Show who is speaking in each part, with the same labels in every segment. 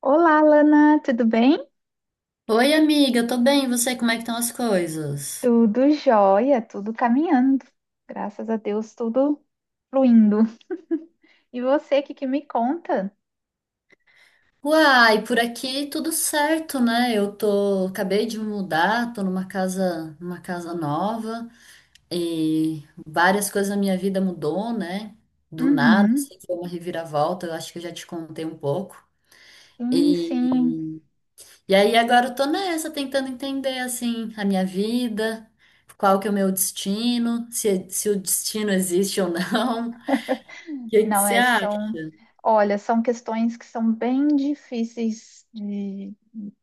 Speaker 1: Olá, Lana, tudo bem?
Speaker 2: Oi, amiga, eu tô bem, e você, como é que estão as coisas?
Speaker 1: Tudo jóia, tudo caminhando. Graças a Deus, tudo fluindo. E você, o que que me conta?
Speaker 2: Uai, por aqui tudo certo, né? Acabei de mudar, tô numa casa nova e várias coisas na minha vida mudou, né? Do nada,
Speaker 1: Uhum.
Speaker 2: assim, foi uma reviravolta, eu acho que eu já te contei um pouco.
Speaker 1: Sim, sim.
Speaker 2: E, e aí agora eu tô nessa, tentando entender, assim, a minha vida, qual que é o meu destino, se o destino existe ou não. O que que
Speaker 1: Não,
Speaker 2: você
Speaker 1: é,
Speaker 2: acha?
Speaker 1: são, olha, são questões que são bem difíceis de,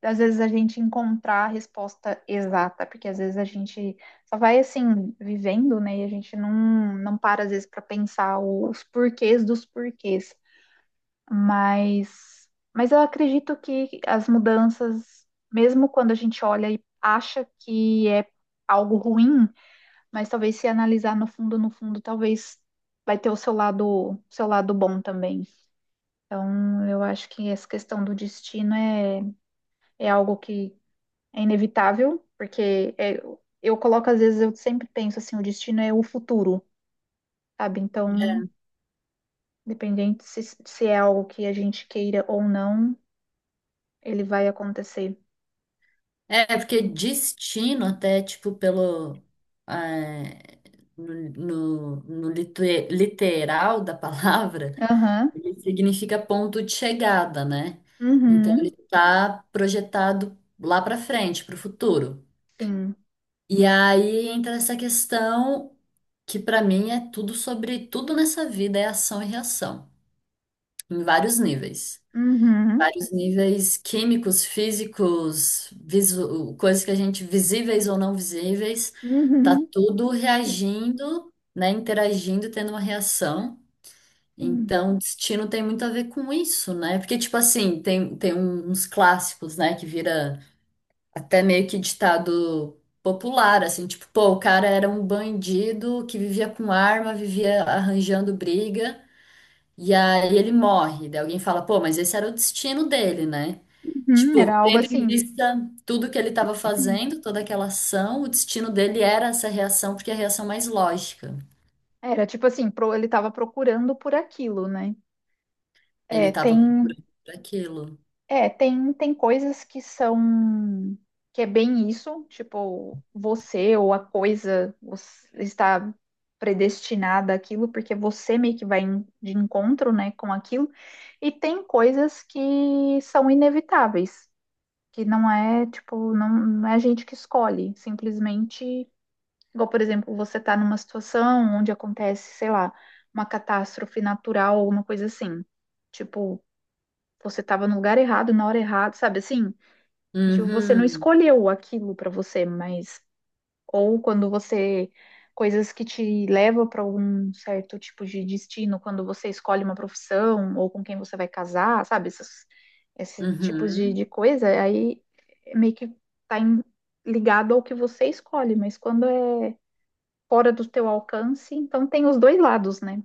Speaker 1: às vezes, a gente encontrar a resposta exata, porque às vezes a gente só vai, assim, vivendo, né? E a gente não para, às vezes, para pensar os porquês dos porquês. Mas, mas eu acredito que as mudanças, mesmo quando a gente olha e acha que é algo ruim, mas talvez se analisar no fundo, no fundo, talvez vai ter o seu lado bom também. Então, eu acho que essa questão do destino é, é algo que é inevitável, porque eu coloco, às vezes, eu sempre penso assim, o destino é o futuro, sabe? Então, independente se é algo que a gente queira ou não, ele vai acontecer.
Speaker 2: Porque destino até, tipo, pelo... é, no literal da palavra,
Speaker 1: Aham.
Speaker 2: ele significa ponto de chegada, né? Então, ele
Speaker 1: Uhum.
Speaker 2: está projetado lá para frente, para o futuro.
Speaker 1: Sim.
Speaker 2: E aí entra essa questão que, para mim, é tudo sobre... Tudo nessa vida é ação e reação, em vários níveis.
Speaker 1: Uhum.
Speaker 2: Vários níveis químicos, físicos, coisas que a gente, visíveis ou não visíveis, tá
Speaker 1: Uhum.
Speaker 2: tudo reagindo, né? Interagindo, tendo uma reação.
Speaker 1: Sim.
Speaker 2: Então, destino tem muito a ver com isso, né? Porque, tipo assim, tem uns clássicos, né? Que vira até meio que ditado popular, assim, tipo, pô, o cara era um bandido que vivia com arma, vivia arranjando briga, e aí ele morre. Daí alguém fala, pô, mas esse era o destino dele, né?
Speaker 1: Uhum.
Speaker 2: Tipo,
Speaker 1: Era algo
Speaker 2: tendo em
Speaker 1: assim.
Speaker 2: vista tudo que ele estava fazendo, toda aquela ação, o destino dele era essa reação, porque é a reação mais lógica.
Speaker 1: Era tipo assim, ele estava procurando por aquilo, né?
Speaker 2: Ele
Speaker 1: É,
Speaker 2: estava
Speaker 1: tem,
Speaker 2: procurando por aquilo.
Speaker 1: tem coisas que são que é bem isso, tipo, você ou a coisa você está predestinada àquilo, porque você meio que de encontro, né, com aquilo. E tem coisas que são inevitáveis. Que não é, tipo, não é a gente que escolhe, simplesmente, igual, por exemplo, você está numa situação onde acontece, sei lá, uma catástrofe natural, alguma coisa assim. Tipo, você estava no lugar errado, na hora errada, sabe assim? Tipo, você não
Speaker 2: Uhum,
Speaker 1: escolheu aquilo para você, mas ou quando você coisas que te levam para um certo tipo de destino, quando você escolhe uma profissão ou com quem você vai casar, sabe? Esses tipos de
Speaker 2: uhum.
Speaker 1: coisa, aí meio que tá em- ligado ao que você escolhe, mas quando é fora do teu alcance, então tem os dois lados, né?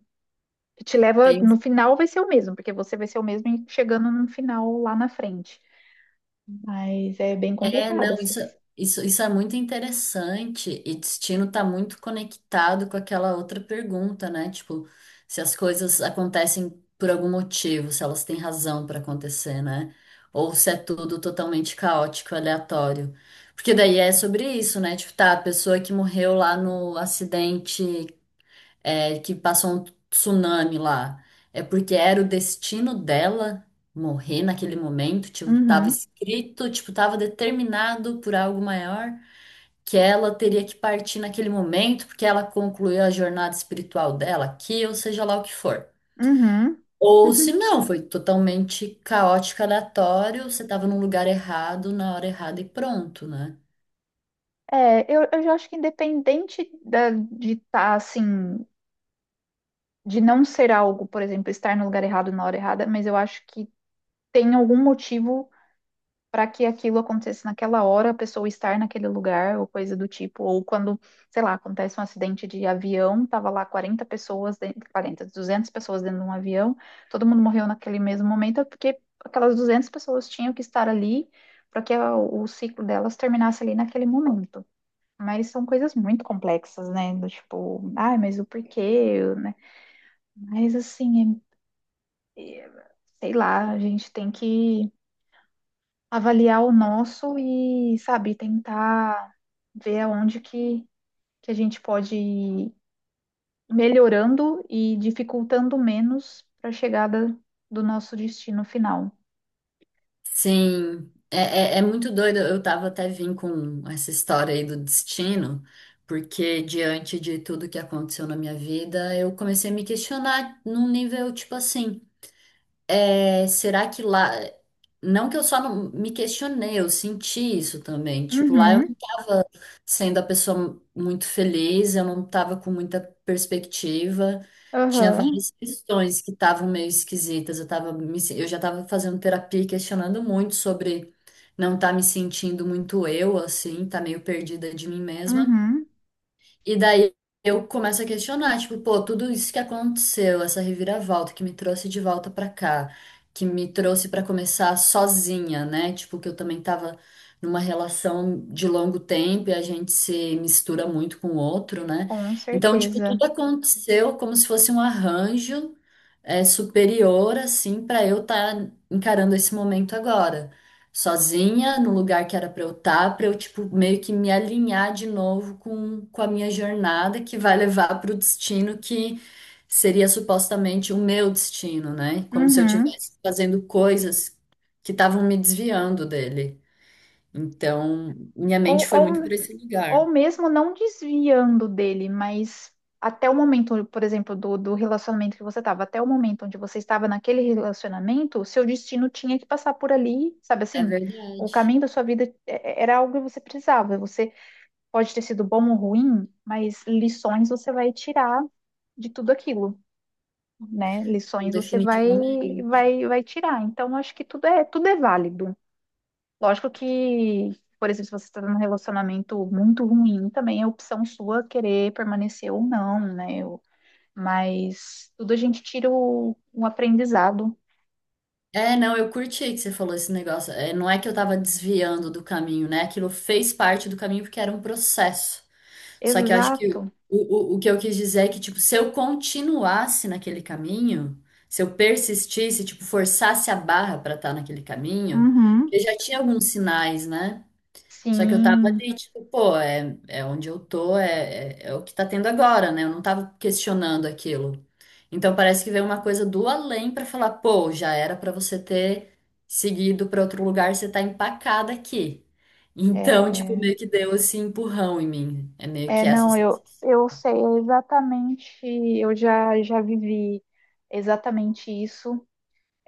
Speaker 1: Que te leva, no final vai ser o mesmo, porque você vai ser o mesmo e chegando no final lá na frente. Mas é bem
Speaker 2: É,
Speaker 1: complicado
Speaker 2: não, isso,
Speaker 1: essas.
Speaker 2: isso, isso é muito interessante e destino está muito conectado com aquela outra pergunta, né? Tipo, se as coisas acontecem por algum motivo, se elas têm razão para acontecer, né? Ou se é tudo totalmente caótico, aleatório. Porque daí é sobre isso, né? Tipo, tá, a pessoa que morreu lá no acidente que passou um tsunami lá. É porque era o destino dela morrer naquele momento, tipo, tava
Speaker 1: Uhum,
Speaker 2: escrito, tipo, tava determinado por algo maior que ela teria que partir naquele momento, porque ela concluiu a jornada espiritual dela aqui, ou seja lá o que for.
Speaker 1: uhum.
Speaker 2: Ou se não, foi totalmente caótico, aleatório, você tava num lugar errado, na hora errada e pronto, né?
Speaker 1: Eu já acho que independente de estar assim, de não ser algo, por exemplo, estar no lugar errado na hora errada, mas eu acho que tem algum motivo para que aquilo aconteça naquela hora, a pessoa estar naquele lugar, ou coisa do tipo, ou quando, sei lá, acontece um acidente de avião, tava lá 40 pessoas, dentro, 40, 200 pessoas dentro de um avião, todo mundo morreu naquele mesmo momento, é porque aquelas 200 pessoas tinham que estar ali para que o ciclo delas terminasse ali naquele momento. Mas são coisas muito complexas, né? Do tipo, ai, mas o porquê, né? Mas assim, é- é- sei lá, a gente tem que avaliar o nosso e, sabe, tentar ver aonde que a gente pode ir melhorando e dificultando menos para a chegada do nosso destino final.
Speaker 2: Sim, é muito doido. Eu tava até vim com essa história aí do destino, porque diante de tudo que aconteceu na minha vida, eu comecei a me questionar num nível tipo assim. É, será que lá. Não que eu só não me questionei, eu senti isso também. Tipo, lá eu não
Speaker 1: Uhum,
Speaker 2: tava sendo a pessoa muito feliz, eu não tava com muita perspectiva. Tinha
Speaker 1: aham,
Speaker 2: várias questões que estavam meio esquisitas. Eu tava me se- eu já tava fazendo terapia e questionando muito sobre não estar me sentindo muito eu, assim, tá meio perdida de mim mesma.
Speaker 1: uhum,
Speaker 2: E daí eu começo a questionar, tipo, pô, tudo isso que aconteceu, essa reviravolta que me trouxe de volta pra cá, que me trouxe pra começar sozinha, né? Tipo, que eu também tava numa relação de longo tempo e a gente se mistura muito com o outro, né?
Speaker 1: com
Speaker 2: Então, tipo, tudo
Speaker 1: certeza.
Speaker 2: aconteceu como se fosse um arranjo superior, assim, pra eu estar encarando esse momento agora sozinha no lugar que era pra eu estar, pra eu tipo meio que me alinhar de novo com a minha jornada que vai levar pro destino que seria supostamente o meu destino, né? Como se eu
Speaker 1: Uhum.
Speaker 2: estivesse fazendo coisas que estavam me desviando dele. Então, minha mente
Speaker 1: Ou,
Speaker 2: foi muito
Speaker 1: ou
Speaker 2: para esse
Speaker 1: Ou
Speaker 2: lugar.
Speaker 1: mesmo não desviando dele, mas até o momento, por exemplo, do relacionamento que você estava, até o momento onde você estava naquele relacionamento, o seu destino tinha que passar por ali, sabe
Speaker 2: É
Speaker 1: assim? O
Speaker 2: verdade.
Speaker 1: caminho da sua vida era algo que você precisava. Você pode ter sido bom ou ruim, mas lições você vai tirar de tudo aquilo, né?
Speaker 2: Não,
Speaker 1: Lições você
Speaker 2: definitivamente.
Speaker 1: vai tirar. Então, acho que tudo é válido. Lógico que, por exemplo, se você está num relacionamento muito ruim, também é opção sua querer permanecer ou não, né? Mas tudo a gente tira um aprendizado.
Speaker 2: É, não, eu curti que você falou esse negócio. É, não é que eu tava desviando do caminho, né? Aquilo fez parte do caminho porque era um processo. Só que eu acho que
Speaker 1: Exato.
Speaker 2: o que eu quis dizer é que, tipo, se eu continuasse naquele caminho, se eu persistisse, tipo, forçasse a barra para estar naquele caminho,
Speaker 1: Uhum.
Speaker 2: eu já tinha alguns sinais, né? Só que eu tava
Speaker 1: Sim.
Speaker 2: ali, tipo, pô, onde eu tô, é o que tá tendo agora, né? Eu não tava questionando aquilo. Então parece que veio uma coisa do além pra falar, pô, já era pra você ter seguido pra outro lugar, você tá empacada aqui. Então, tipo,
Speaker 1: É,
Speaker 2: meio que deu esse empurrão em mim. É meio
Speaker 1: é,
Speaker 2: que essa
Speaker 1: não,
Speaker 2: sensação.
Speaker 1: eu sei exatamente, eu já vivi exatamente isso.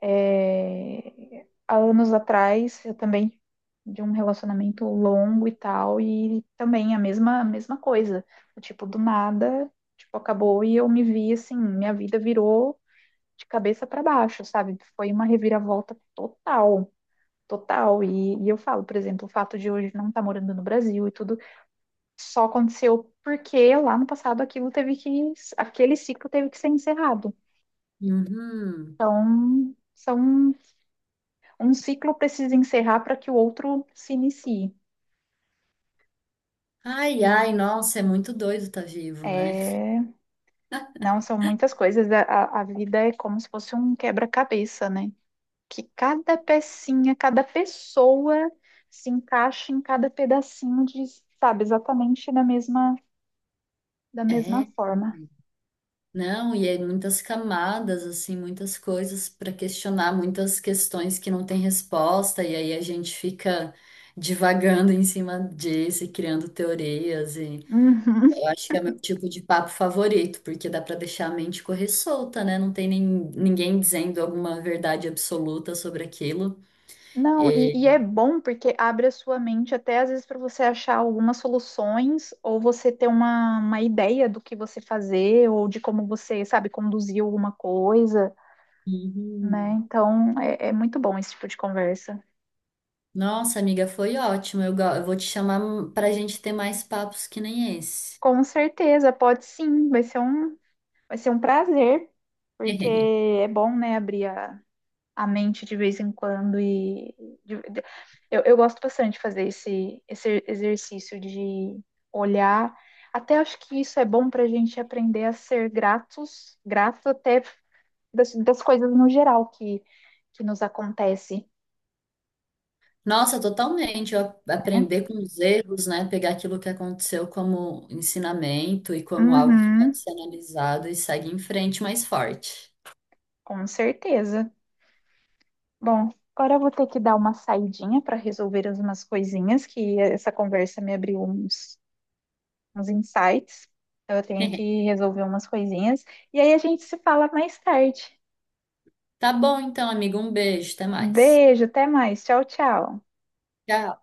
Speaker 1: Há anos atrás, eu também de um relacionamento longo e tal, e também a mesma coisa. Tipo, do nada, tipo, acabou e eu me vi assim, minha vida virou de cabeça para baixo, sabe? Foi uma reviravolta total. Total, e eu falo, por exemplo, o fato de hoje não estar morando no Brasil e tudo só aconteceu porque lá no passado aquilo teve que, aquele ciclo teve que ser encerrado.
Speaker 2: Uhum.
Speaker 1: Então, são um ciclo precisa encerrar para que o outro se inicie.
Speaker 2: Ai, ai,
Speaker 1: E
Speaker 2: nossa, é muito doido tá vivo, né?
Speaker 1: é, não, são muitas coisas. A vida é como se fosse um quebra-cabeça, né? Que cada pecinha, cada pessoa se encaixa em cada pedacinho de, sabe, exatamente da
Speaker 2: É.
Speaker 1: mesma forma.
Speaker 2: Não, e aí muitas camadas, assim, muitas coisas para questionar, muitas questões que não têm resposta, e aí a gente fica divagando em cima disso e criando teorias, e
Speaker 1: Uhum.
Speaker 2: eu acho que é o meu tipo de papo favorito, porque dá para deixar a mente correr solta, né? Não tem nem, ninguém dizendo alguma verdade absoluta sobre aquilo.
Speaker 1: Não, e é
Speaker 2: E...
Speaker 1: bom porque abre a sua mente até às vezes para você achar algumas soluções ou você ter uma ideia do que você fazer ou de como você, sabe, conduzir alguma coisa, né?
Speaker 2: Uhum.
Speaker 1: Então é muito bom esse tipo de conversa.
Speaker 2: Nossa, amiga, foi ótimo. Eu vou te chamar para a gente ter mais papos que nem esse.
Speaker 1: Com certeza, pode sim, vai ser um prazer, porque é bom, né, abrir a mente de vez em quando e de- de- eu gosto bastante de fazer esse exercício de olhar. Até acho que isso é bom para a gente aprender a ser gratos, grato até das coisas no geral que nos acontece,
Speaker 2: Nossa, totalmente. Eu
Speaker 1: né?
Speaker 2: aprender com os erros, né? Pegar aquilo que aconteceu como ensinamento e como algo que pode
Speaker 1: Uhum,
Speaker 2: ser analisado e segue em frente mais forte.
Speaker 1: com certeza. Bom, agora eu vou ter que dar uma saidinha para resolver umas coisinhas que essa conversa me abriu uns insights. Então, eu tenho que resolver umas coisinhas. E aí a gente se fala mais tarde.
Speaker 2: Tá bom, então, amigo. Um beijo. Até mais.
Speaker 1: Beijo, até mais. Tchau, tchau.
Speaker 2: Tchau.